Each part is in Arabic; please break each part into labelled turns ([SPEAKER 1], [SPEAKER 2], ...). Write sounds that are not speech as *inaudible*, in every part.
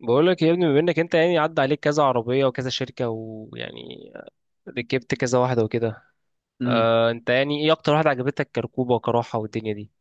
[SPEAKER 1] بقول لك يا ابني، بما انك انت يعني عدى عليك كذا عربيه وكذا شركه، ويعني ركبت كذا واحده وكده.
[SPEAKER 2] مم.
[SPEAKER 1] انت يعني ايه اكتر واحده عجبتك، كركوبه وكراحه والدنيا دي؟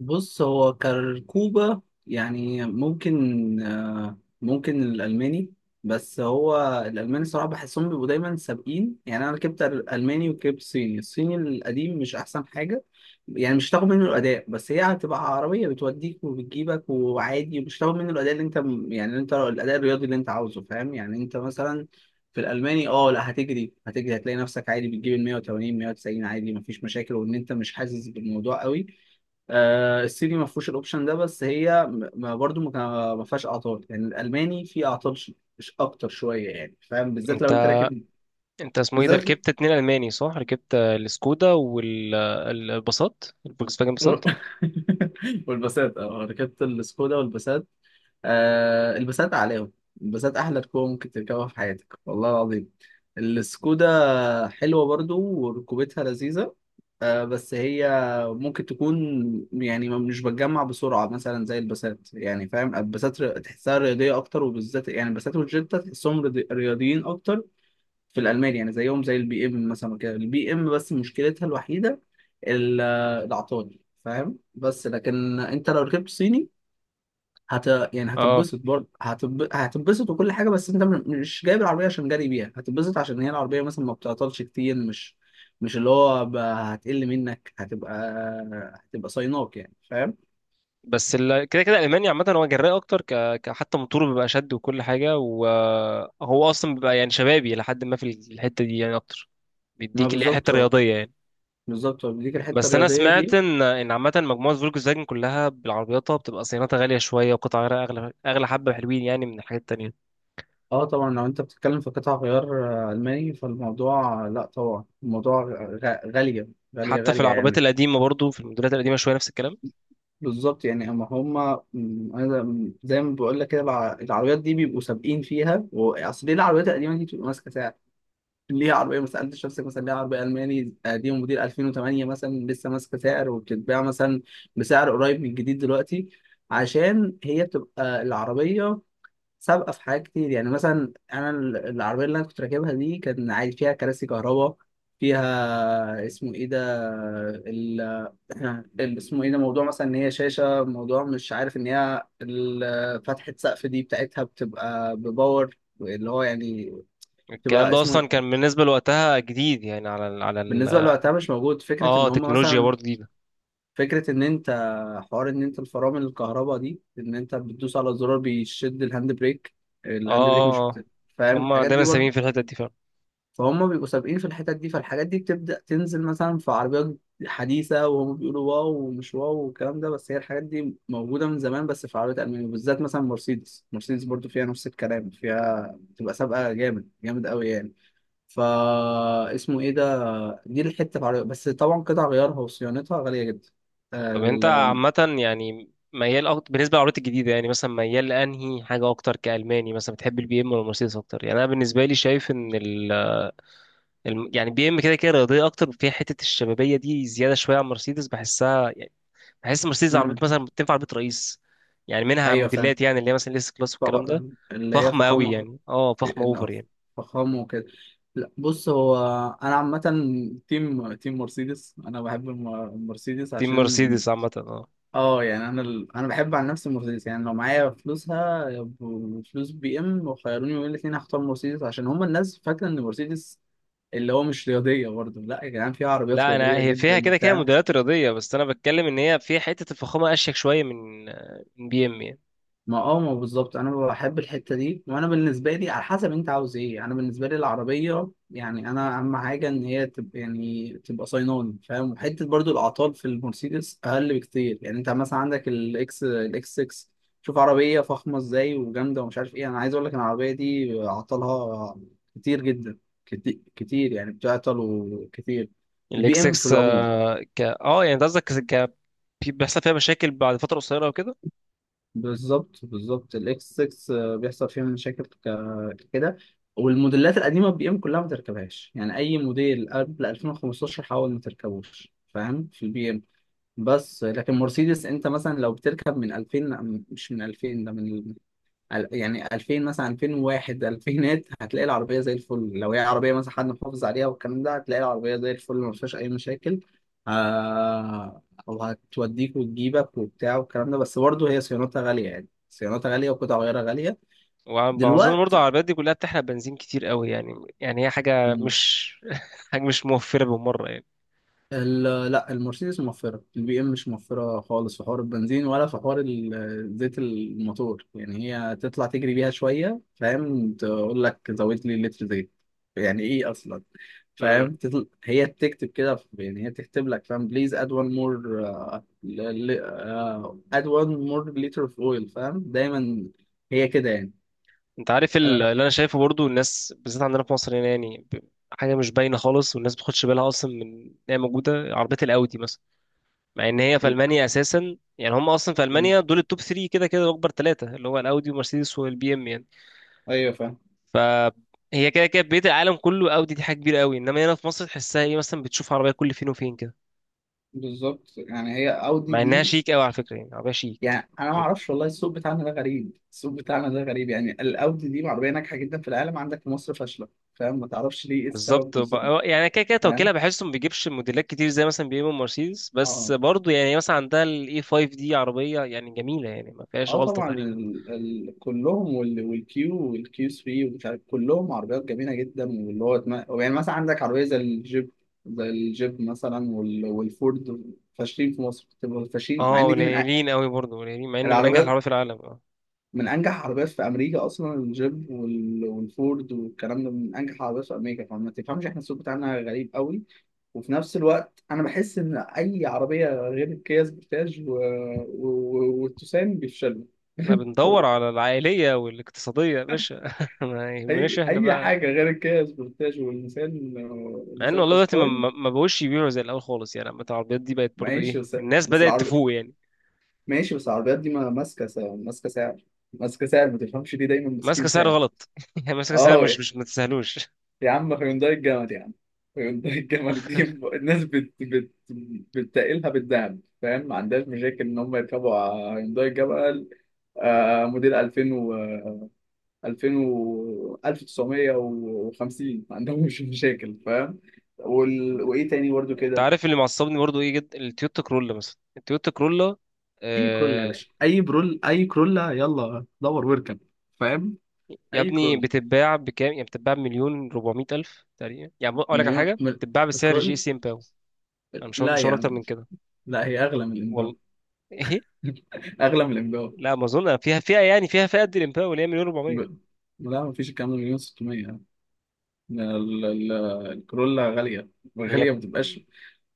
[SPEAKER 2] بص هو كركوبة يعني ممكن ممكن الألماني، بس هو الألماني صراحة بحسهم بيبقوا دايما سابقين. يعني أنا ركبت ألماني وركبت صيني، الصيني القديم مش أحسن حاجة، يعني مش هتاخد منه الأداء، بس هي هتبقى عربية بتوديك وبتجيبك وعادي. مش هتاخد منه الأداء اللي أنت، يعني اللي أنت الأداء الرياضي اللي أنت عاوزه، فاهم؟ يعني أنت مثلا في الالماني اه لا، هتجري هتجري، هتلاقي نفسك عادي بتجيب ال 180 190 عادي، مفيش مشاكل، وان انت مش حاسس بالموضوع قوي. الصيني ما فيهوش الاوبشن ده، بس هي ما برضو ما فيهاش اعطال. يعني الالماني فيه اعطال اكتر شويه، يعني فاهم، بالذات
[SPEAKER 1] انت
[SPEAKER 2] لو انت راكب
[SPEAKER 1] انت اسمه ايه ده،
[SPEAKER 2] بالذات.
[SPEAKER 1] ركبت اتنين الماني صح؟ ركبت السكودا والباصات، الفولكس فاجن باصات.
[SPEAKER 2] *laughs* والباسات، اه ركبت السكودا والباسات. آه البسات عليهم، البسات احلى ركوبه ممكن تركبها في حياتك والله العظيم. السكودا حلوه برضو وركوبتها لذيذه، آه بس هي ممكن تكون يعني مش بتجمع بسرعه مثلا زي البسات، يعني فاهم؟ البسات تحسها رياضيه اكتر، وبالذات يعني البسات والجيتا تحسهم رياضيين اكتر في الالمان. يعني زيهم زي البي ام مثلا كده، البي ام بس مشكلتها الوحيده ال- العطال، فاهم؟ بس لكن انت لو ركبت صيني هت يعني
[SPEAKER 1] اه
[SPEAKER 2] هتتبسط برضه، هتتبسط وكل حاجه. بس انت مش جايب العربيه عشان جري بيها، هتتبسط عشان هي العربيه مثلا ما بتعطلش كتير، مش مش اللي هو هتقل منك، هتبقى هتبقى صيناك، يعني فاهم.
[SPEAKER 1] بس كده كده الالماني عامه هو جراء اكتر، حتى موتوره بيبقى شد وكل حاجه، وهو اصلا بيبقى يعني شبابي لحد ما في الحته دي يعني اكتر،
[SPEAKER 2] ما
[SPEAKER 1] بيديك اللي هي حته
[SPEAKER 2] بالظبط،
[SPEAKER 1] رياضيه يعني.
[SPEAKER 2] بالظبط ليك الحته
[SPEAKER 1] بس انا
[SPEAKER 2] الرياضيه
[SPEAKER 1] سمعت
[SPEAKER 2] دي.
[SPEAKER 1] ان عامه مجموعه فولكس فاجن كلها بالعربياتها بتبقى صيانتها غاليه شويه، وقطع غيارها اغلى، اغلى حبه، حلوين يعني من الحاجات التانية.
[SPEAKER 2] اه طبعا لو انت بتتكلم في قطع غيار الماني، فالموضوع لا طبعا الموضوع غاليه، غاليه
[SPEAKER 1] حتى في
[SPEAKER 2] غاليه
[SPEAKER 1] العربيات
[SPEAKER 2] يعني.
[SPEAKER 1] القديمه برضو، في الموديلات القديمه شويه نفس الكلام.
[SPEAKER 2] بالظبط يعني اما هما زي ما بقول لك كده، العربيات دي بيبقوا سابقين فيها. اصل ليه العربيات القديمه دي بتبقى ماسكه سعر؟ ليه عربيه، ما سالتش نفسك مثلا ليه عربيه الماني قديمه موديل 2008 مثلا لسه ماسكه سعر وبتتباع مثلا بسعر قريب من الجديد دلوقتي؟ عشان هي بتبقى العربيه سابقه في حاجات كتير. يعني مثلا انا العربيه اللي انا كنت راكبها دي كان عادي فيها كراسي كهرباء، فيها اسمه ايه ده، يعني اللي اسمه ايه ده موضوع مثلا ان هي شاشه، موضوع مش عارف ان هي فتحه سقف دي بتاعتها بتبقى بباور، اللي هو يعني
[SPEAKER 1] الكلام
[SPEAKER 2] بتبقى
[SPEAKER 1] ده
[SPEAKER 2] اسمه
[SPEAKER 1] اصلا
[SPEAKER 2] ايه،
[SPEAKER 1] كان بالنسبه لوقتها جديد، يعني على ال على ال...
[SPEAKER 2] بالنسبه لوقتها مش موجود. فكره
[SPEAKER 1] اه
[SPEAKER 2] ان هم
[SPEAKER 1] تكنولوجيا
[SPEAKER 2] مثلا،
[SPEAKER 1] برضو جديده.
[SPEAKER 2] فكره ان انت حوار ان انت الفرامل الكهرباء دي، ان انت بتدوس على زرار بيشد الهاند بريك،
[SPEAKER 1] اه،
[SPEAKER 2] الهاند بريك مش
[SPEAKER 1] اه، اه.
[SPEAKER 2] فاهم
[SPEAKER 1] هم
[SPEAKER 2] الحاجات
[SPEAKER 1] دايما
[SPEAKER 2] دي.
[SPEAKER 1] سامين في الحته دي فعلا.
[SPEAKER 2] فهم بيبقوا سابقين في الحتت دي، فالحاجات دي بتبدأ تنزل مثلا في عربيات حديثة وهم بيقولوا واو ومش واو والكلام ده، بس هي الحاجات دي موجودة من زمان، بس في عربيات ألمانيا بالذات. مثلا مرسيدس، مرسيدس برضو فيها نفس الكلام، فيها بتبقى سابقة جامد، جامد قوي يعني. فا اسمه ايه ده، دي الحتة في عربيات، بس طبعا قطع غيارها وصيانتها غالية جدا.
[SPEAKER 1] طب انت
[SPEAKER 2] ال...
[SPEAKER 1] عامه يعني ميال أكتر بالنسبه للعربيات الجديده؟ يعني مثلا ميال لانهي حاجه اكتر كالماني؟ مثلا بتحب البي ام ولا المرسيدس اكتر؟ يعني انا بالنسبه لي شايف ان يعني بي ام كده كده رياضيه اكتر، فيها حته الشبابيه دي زياده شويه عن مرسيدس بحسها يعني. بحس مرسيدس
[SPEAKER 2] مم.
[SPEAKER 1] عربيات مثلا تنفع عربيه رئيس، يعني منها
[SPEAKER 2] ايوه فاهم،
[SPEAKER 1] موديلات، يعني اللي هي مثلا الاس كلاس
[SPEAKER 2] فخ...
[SPEAKER 1] والكلام ده،
[SPEAKER 2] اللي هي
[SPEAKER 1] فخمه قوي
[SPEAKER 2] فخامة،
[SPEAKER 1] يعني. اه فخمه
[SPEAKER 2] إن
[SPEAKER 1] اوفر يعني.
[SPEAKER 2] فخامه وكده. لا بص هو، انا عامه تيم، تيم مرسيدس. انا بحب المرسيدس
[SPEAKER 1] دي
[SPEAKER 2] عشان،
[SPEAKER 1] مرسيدس عامه اه.
[SPEAKER 2] اه يعني انا بحب عن نفسي مرسيدس. يعني لو معايا فلوسها فلوس بي ام وخيروني بين الاثنين هختار مرسيدس، عشان هما الناس فاكره ان مرسيدس اللي هو مش رياضيه برضه. لا يا جدعان، في عربيات
[SPEAKER 1] لا انا
[SPEAKER 2] رياضيه
[SPEAKER 1] هي فيها
[SPEAKER 2] جدا
[SPEAKER 1] كده كده
[SPEAKER 2] وبتاع.
[SPEAKER 1] موديلات رياضيه، بس انا بتكلم ان هي فيها حته الفخامه اشيك شويه من بي ام يعني.
[SPEAKER 2] ما اه ما بالظبط، انا بحب الحته دي. وانا بالنسبه لي على حسب انت عاوز ايه، انا بالنسبه لي العربيه يعني انا اهم حاجه ان هي تبقى يعني تبقى صيناني فاهم. وحته برضو الاعطال في المرسيدس اقل بكتير. يعني انت مثلا عندك الاكس 6، شوف عربيه فخمه ازاي وجامده ومش عارف ايه، انا عايز اقول لك إن العربيه دي اعطالها كتير جدا، كتير يعني بتعطل وكتير، البي
[SPEAKER 1] الاكس
[SPEAKER 2] ام في
[SPEAKER 1] 6.
[SPEAKER 2] العموم.
[SPEAKER 1] ك اه يعني ده قصدك، ك... بيحصل فيها مشاكل بعد فتره قصيره وكده.
[SPEAKER 2] بالظبط بالظبط، الاكس 6 بيحصل فيها مشاكل كده. والموديلات القديمه البي ام كلها ما تركبهاش، يعني اي موديل قبل 2015 حاول ما تركبوش، فاهم؟ في البي ام. بس لكن مرسيدس انت مثلا لو بتركب من 2000 لا، مش من 2000، ده من يعني 2000 مثلا، 2001 2000 هتلاقي العربية زي الفل، لو هي عربية مثلا حد محافظ عليها والكلام ده هتلاقي العربية زي الفل، ما فيهاش أي مشاكل. آه وهتوديك وتجيبك وبتاع والكلام ده، بس برضه هي صيانتها غالية، يعني صيانتها غالية وقطع غيارها غالية
[SPEAKER 1] وأظن برضه
[SPEAKER 2] دلوقتي.
[SPEAKER 1] العربيات دي كلها بتحرق بنزين كتير قوي يعني، يعني هي حاجة مش *laughs* حاجة مش موفرة بالمرة يعني.
[SPEAKER 2] لا، المرسيدس موفرة، البي ام مش موفرة خالص، في حوار البنزين ولا في حوار زيت الموتور. يعني هي تطلع تجري بيها شوية فاهم تقول لك زود لي لتر زيت، يعني ايه اصلا؟
[SPEAKER 1] مم.
[SPEAKER 2] فاهم هي بتكتب كده يعني هي تكتب لك فاهم بليز اد وان مور، اد وان مور لتر اوف اويل، فاهم؟ دايما هي كده يعني.
[SPEAKER 1] أنت عارف
[SPEAKER 2] آه،
[SPEAKER 1] اللي أنا شايفه برضه، الناس بالذات عندنا في مصر هنا يعني حاجة مش باينة خالص، والناس ما بتاخدش بالها أصلا من إن هي موجودة عربية الأودي مثلا، مع إن هي في
[SPEAKER 2] ال-
[SPEAKER 1] ألمانيا أساسا. يعني هم أصلا في ألمانيا دول التوب 3 كده كده، أكبر ثلاثة اللي هو الأودي ومرسيدس والبي إم يعني.
[SPEAKER 2] ايوه فاهم.
[SPEAKER 1] ف هي كده كده بقية العالم كله أودي، دي حاجة كبيرة قوي، إنما هنا في مصر تحسها إيه، مثلا بتشوف عربية كل فين وفين كده،
[SPEAKER 2] بالظبط يعني هي اودي
[SPEAKER 1] مع إنها
[SPEAKER 2] دي،
[SPEAKER 1] شيك قوي على فكرة، يعني عربية شيك.
[SPEAKER 2] يعني انا ما اعرفش والله السوق بتاعنا ده غريب، السوق بتاعنا ده غريب، يعني الاودي دي عربيه ناجحه جدا في العالم، عندك في مصر فاشله. فاهم، ما تعرفش ليه ايه السبب
[SPEAKER 1] بالظبط
[SPEAKER 2] بالظبط.
[SPEAKER 1] يعني أنا كده كده توكيلها
[SPEAKER 2] فاهم،
[SPEAKER 1] بحسه ما بيجيبش موديلات كتير زي مثلا بي ام ومرسيدس، بس
[SPEAKER 2] اه
[SPEAKER 1] برضه يعني مثلا عندها الاي 5 دي عربيه يعني جميله، يعني ما فيهاش
[SPEAKER 2] اه
[SPEAKER 1] غلطه
[SPEAKER 2] طبعا
[SPEAKER 1] تقريبا.
[SPEAKER 2] كلهم والكيو والكيو 3 ومش عارف كلهم عربيات جميله جدا، واللي هو يعني مثلا عندك عربيه زي الجيب، زي الجيب مثلا والفورد فاشلين في مصر، بتبقى فاشلين، مع
[SPEAKER 1] اه
[SPEAKER 2] ان دي من
[SPEAKER 1] قليلين قوي برضه، قليلين مع ان من انجح
[SPEAKER 2] العربيات،
[SPEAKER 1] العربيات في العالم، اه.
[SPEAKER 2] من انجح عربيات في امريكا اصلا الجيب والفورد والكلام ده، من انجح عربيات في امريكا. فما تفهمش، احنا السوق بتاعنا غريب قوي. وفي نفس الوقت انا بحس ان اي عربيه غير الكيا سبورتاج والتوسان بيفشلوا.
[SPEAKER 1] احنا بندور
[SPEAKER 2] *laughs*
[SPEAKER 1] على العائليه والاقتصاديه يا باشا *laughs* ما يهمناش
[SPEAKER 2] اي
[SPEAKER 1] احنا
[SPEAKER 2] اي
[SPEAKER 1] بقى.
[SPEAKER 2] حاجه غير الكيا سبورتاج والنيسان،
[SPEAKER 1] مع ان
[SPEAKER 2] النيسان
[SPEAKER 1] والله دلوقتي
[SPEAKER 2] قشقاي.
[SPEAKER 1] ما بقوش يبيعوا زي الاول خالص، يعني عامة العربيات دي بقت برضه
[SPEAKER 2] ماشي
[SPEAKER 1] ايه،
[SPEAKER 2] بس
[SPEAKER 1] الناس
[SPEAKER 2] بس
[SPEAKER 1] بدات
[SPEAKER 2] العربيات،
[SPEAKER 1] تفوق يعني.
[SPEAKER 2] ماشي بس العربيات دي ما ماسكه سعر، ماسكه سعر، ما تفهمش ليه دايما
[SPEAKER 1] ماسكه
[SPEAKER 2] ماسكين
[SPEAKER 1] سعر
[SPEAKER 2] سعر.
[SPEAKER 1] غلط *laughs* يعني ماسكه سعر
[SPEAKER 2] اه
[SPEAKER 1] مش ما تستاهلوش.
[SPEAKER 2] يا عم، هيونداي الجمل يا عم، هيونداي الجمل دي الناس بتتقلها بالذهب فاهم، ما عندهاش مشاكل ان هم يركبوا على هيونداي الجمل آه موديل 2000 و 2000 و 1950 ما عندهمش *laughs* مشاكل فاهم. وايه تاني برضو
[SPEAKER 1] انت
[SPEAKER 2] كده؟
[SPEAKER 1] عارف اللي معصبني برضو ايه جدا؟ التويوتا كرولا مثلا، التويوتا كرولا،
[SPEAKER 2] اي كرولا يا
[SPEAKER 1] آه.
[SPEAKER 2] باشا، اي برول، اي كرولا، يلا دور واركب، فاهم؟
[SPEAKER 1] يا
[SPEAKER 2] اي
[SPEAKER 1] ابني
[SPEAKER 2] كرول،
[SPEAKER 1] بتتباع بكام؟ يعني بتتباع بمليون 400 الف تقريبا، يعني اقول لك على
[SPEAKER 2] مليون
[SPEAKER 1] حاجه،
[SPEAKER 2] مل...
[SPEAKER 1] بتتباع بسعر جي
[SPEAKER 2] كرول.
[SPEAKER 1] سي امباو. انا مش هقول،
[SPEAKER 2] لا يا
[SPEAKER 1] اكتر
[SPEAKER 2] عم،
[SPEAKER 1] من كده
[SPEAKER 2] لا هي اغلى من
[SPEAKER 1] والله.
[SPEAKER 2] الامباو،
[SPEAKER 1] *laughs* ايه.
[SPEAKER 2] *laughs* اغلى من الامباو.
[SPEAKER 1] لا ما اظن فيها فئه، يعني فيها فئه قد الامباو اللي هي مليون 400.
[SPEAKER 2] ب... لا مفيش الكلام ده، مليون 600. ال- ال- الكورولا غالية،
[SPEAKER 1] هي ب-
[SPEAKER 2] غالية ما بتبقاش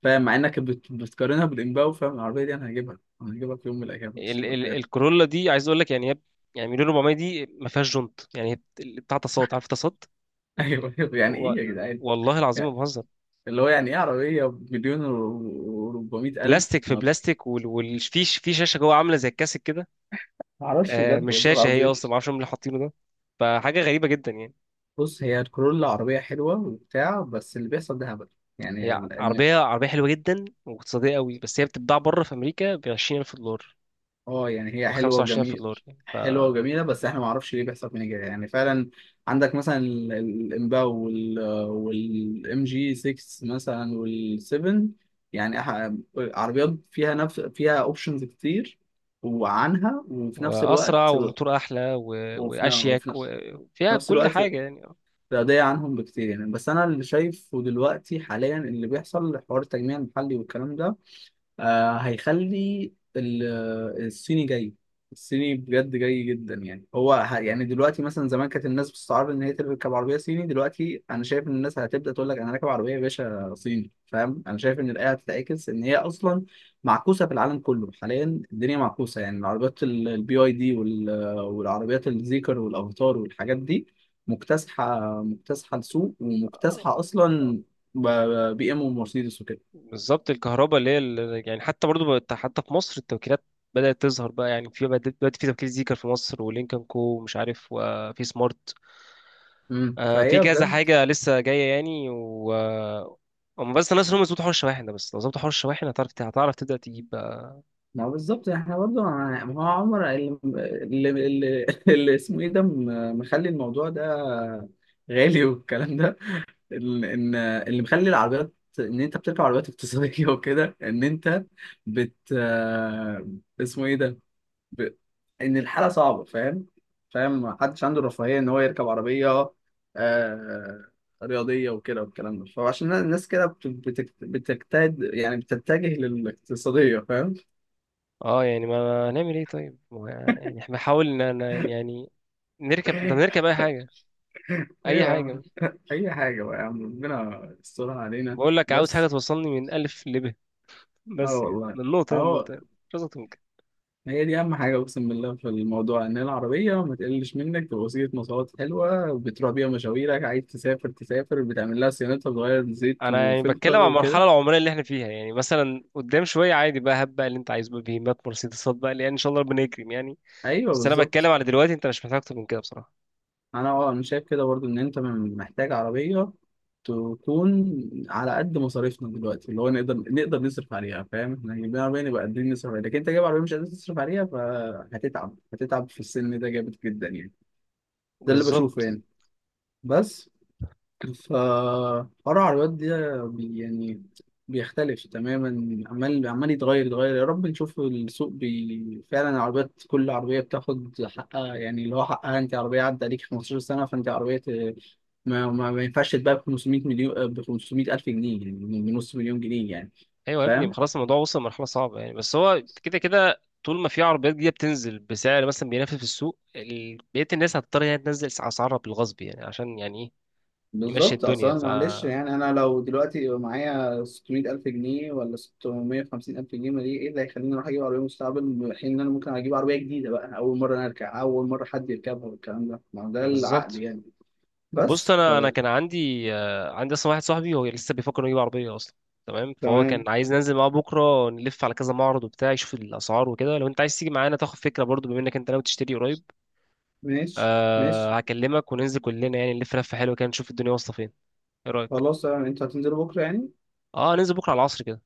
[SPEAKER 2] فاهم، مع انك بتقارنها بالإمباو فاهم. العربية دي انا هجيبها، انا هجيبها في يوم من الأيام مش
[SPEAKER 1] ال
[SPEAKER 2] هتبقى
[SPEAKER 1] ال
[SPEAKER 2] فاهم.
[SPEAKER 1] الكورولا دي عايز اقول لك، يعني يعني مليون 400 دي ما فيهاش جنط، يعني بتاع تصاط، عارف تصاط؟
[SPEAKER 2] *laughs* ايوه أيوة، يعني
[SPEAKER 1] و-
[SPEAKER 2] ايه يا جدعان،
[SPEAKER 1] والله العظيم ما
[SPEAKER 2] يعني
[SPEAKER 1] بهزر.
[SPEAKER 2] اللي هو يعني ايه عربية بمليون و 400 ألف؟
[SPEAKER 1] بلاستيك في
[SPEAKER 2] ما
[SPEAKER 1] بلاستيك، وفي في في شاشه جوه عامله زي الكاسك كده.
[SPEAKER 2] معرفش بجد
[SPEAKER 1] مش
[SPEAKER 2] والله
[SPEAKER 1] شاشه، هي
[SPEAKER 2] العظيم.
[SPEAKER 1] اصلا ما اعرفش هم اللي حاطينه ده، فحاجه غريبه جدا يعني.
[SPEAKER 2] بص هي الكورولا عربية حلوة وبتاع، بس اللي بيحصل ده هبل
[SPEAKER 1] هي
[SPEAKER 2] يعني.
[SPEAKER 1] عربيه حلوه جدا واقتصاديه قوي، بس هي بتتباع بره في امريكا ب 20000 دولار
[SPEAKER 2] اه يعني هي
[SPEAKER 1] او
[SPEAKER 2] حلوه
[SPEAKER 1] 25000
[SPEAKER 2] وجميل،
[SPEAKER 1] دولار يعني ف...
[SPEAKER 2] حلوه وجميله، بس احنا ما اعرفش ليه بيحصل فينا كده يعني فعلا. عندك مثلا الامباو والام جي 6 مثلا وال7، يعني عربيات فيها نفس، فيها اوبشنز كتير، وعنها وفي نفس
[SPEAKER 1] واسرع
[SPEAKER 2] الوقت،
[SPEAKER 1] وموتور احلى
[SPEAKER 2] وفي, ن- وفي
[SPEAKER 1] واشيك
[SPEAKER 2] ن- في
[SPEAKER 1] وفيها
[SPEAKER 2] نفس
[SPEAKER 1] كل
[SPEAKER 2] الوقت
[SPEAKER 1] حاجه يعني.
[SPEAKER 2] رياضية عنهم بكتير يعني. بس أنا اللي شايفه دلوقتي حاليا اللي بيحصل، حوار التجميع المحلي والكلام ده، آه هيخلي الصيني جاي، الصيني بجد جاي جدا. يعني يعني دلوقتي مثلا زمان كانت الناس بتستعرض ان هي تركب عربيه صيني، دلوقتي انا شايف ان الناس هتبدا تقول لك انا راكب عربيه يا باشا صيني، فاهم؟ انا شايف ان الايه هتتعكس، ان هي اصلا معكوسه في العالم كله حاليا. الدنيا معكوسه، يعني العربيات البي اي دي والعربيات الزيكر والافاتار والحاجات دي مكتسحه، مكتسحه السوق ومكتسحه اصلا بي ام ومرسيدس وكده.
[SPEAKER 1] بالظبط الكهرباء اللي هي يعني حتى برضو حتى في مصر التوكيلات بدأت تظهر بقى، يعني دلوقتي في توكيل زيكر في مصر، ولينكن كو ومش عارف، وفي سمارت.
[SPEAKER 2] مم.
[SPEAKER 1] في
[SPEAKER 2] فهي
[SPEAKER 1] كذا
[SPEAKER 2] بجد.
[SPEAKER 1] حاجة لسه جاية يعني، و آه، هم بس الناس اللي هم يظبطوا حوار الشواحن ده، بس لو ظبطوا حوار الشواحن هتعرف تبدأ تجيب بقى.
[SPEAKER 2] ما هو بالظبط احنا برضه ما هو عمر اللي اللي اسمه ايه ده مخلي الموضوع ده غالي والكلام ده، ان اللي مخلي العربيات ان انت بتركب عربيات اقتصاديه *laughs* وكده، ان انت بت آه، اسمه ايه ده، ب... ان الحاله صعبه فاهم، فاهم؟ محدش عنده الرفاهيه ان هو يركب عربيه آه... رياضيه وكده والكلام ده. فعشان الناس كده بتجتهد يعني بتتجه للاقتصاديه، فاهم.
[SPEAKER 1] اه يعني ما هنعمل ايه طيب، هو يعني احنا بنحاول ان يعني نركب، طب نركب اي حاجة، اي
[SPEAKER 2] ايوه يا عم،
[SPEAKER 1] حاجة.
[SPEAKER 2] اي حاجه بقى يا عم، ربنا يسترها علينا
[SPEAKER 1] بقول لك عاوز حاجة
[SPEAKER 2] بس.
[SPEAKER 1] توصلني من ألف لب *laughs*
[SPEAKER 2] اه
[SPEAKER 1] بس كده
[SPEAKER 2] والله،
[SPEAKER 1] من نقطة
[SPEAKER 2] اه.
[SPEAKER 1] لنقطة، مش أكتر من كده.
[SPEAKER 2] هي دي اهم حاجه اقسم بالله في الموضوع، ان العربيه ما تقلش منك، تبقى وسيله مواصلات حلوه بتروح بيها مشاويرك، عايز تسافر تسافر، بتعمل لها صيانتها، بتغير زيت
[SPEAKER 1] انا يعني بتكلم
[SPEAKER 2] وفلتر
[SPEAKER 1] عن
[SPEAKER 2] وكده.
[SPEAKER 1] المرحلة العمرية اللي احنا فيها يعني، مثلا قدام شوية عادي بقى، بقى اللي انت عايزه بقى بهيمات مرسيدسات بقى، لان ان شاء الله ربنا يكرم يعني.
[SPEAKER 2] ايوه
[SPEAKER 1] بس انا بتكلم
[SPEAKER 2] بالظبط.
[SPEAKER 1] على دلوقتي، انت مش محتاج اكتر من كده بصراحة.
[SPEAKER 2] انا اه، انا شايف كده برضو ان انت محتاج عربيه تكون على قد مصاريفنا دلوقتي، اللي هو نقدر نصرف عليها فاهم. احنا جايبين عربيه نبقى قادرين نصرف عليها، لكن انت جايب عربيه مش قادر تصرف عليها فهتتعب، هتتعب في السن ده جامد جدا يعني. ده اللي بشوفه
[SPEAKER 1] بالظبط.
[SPEAKER 2] يعني. بس فحوار العربيات ده يعني بيختلف تماما، عمال عمال يتغير، يتغير. يا رب نشوف السوق فعلا العربيات كل عربية بتاخد حقها، يعني اللي هو حقها. انت عربية عدى عليك 15 سنة فانت عربية ما ينفعش تتباع ب 500 مليون، ب 500 ألف جنيه، يعني بنص مليون جنيه يعني،
[SPEAKER 1] ايوه يا ابني، ما
[SPEAKER 2] فاهم؟
[SPEAKER 1] خلاص الموضوع وصل لمرحله صعبه يعني، بس هو كده كده طول ما في عربيات جديده بتنزل بسعر مثلا بينافس في السوق، بقيه الناس هتضطر يعني تنزل اسعارها بالغصب يعني، عشان يعني ايه، يمشي
[SPEAKER 2] بالظبط.
[SPEAKER 1] الدنيا.
[SPEAKER 2] اصلا معلش يعني انا لو دلوقتي معايا 600 الف جنيه ولا 650 الف جنيه، ما دي ايه اللي هيخليني اروح اجيب عربيه مستقبل، في حين ان انا ممكن اجيب عربيه جديده بقى، اول مره انا اركب، اول مره حد يركبها والكلام ده؟ ما هو ده العقل
[SPEAKER 1] بالظبط.
[SPEAKER 2] يعني.
[SPEAKER 1] بص
[SPEAKER 2] بس ف،
[SPEAKER 1] انا كان عندي، عندي اصلا واحد صاحبي هو لسه بيفكر انه يجيب عربيه اصلا، تمام. فهو كان
[SPEAKER 2] تمام
[SPEAKER 1] عايز ننزل معاه بكره، نلف على كذا معرض وبتاع، يشوف الاسعار وكده. لو انت عايز تيجي معانا تاخد فكره برضو، بما انك انت ناوي تشتري قريب.
[SPEAKER 2] ماشي ماشي.
[SPEAKER 1] أه هكلمك وننزل كلنا يعني، نلف لفه حلوه كده، نشوف الدنيا واصله فين. ايه رايك؟
[SPEAKER 2] خلاص تمام، انت هتنزل بكره يعني؟
[SPEAKER 1] اه ننزل بكره على العصر كده.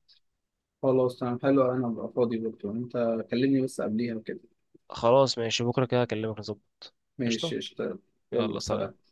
[SPEAKER 2] خلاص تمام حلو، انا ابقى فاضي بكره، انت كلمني بس قبليها كده.
[SPEAKER 1] خلاص ماشي، بكرة كده أكلمك نظبط. قشطة.
[SPEAKER 2] ماشي، اشتغل.
[SPEAKER 1] يلا
[SPEAKER 2] يلا سلام.
[SPEAKER 1] سلام.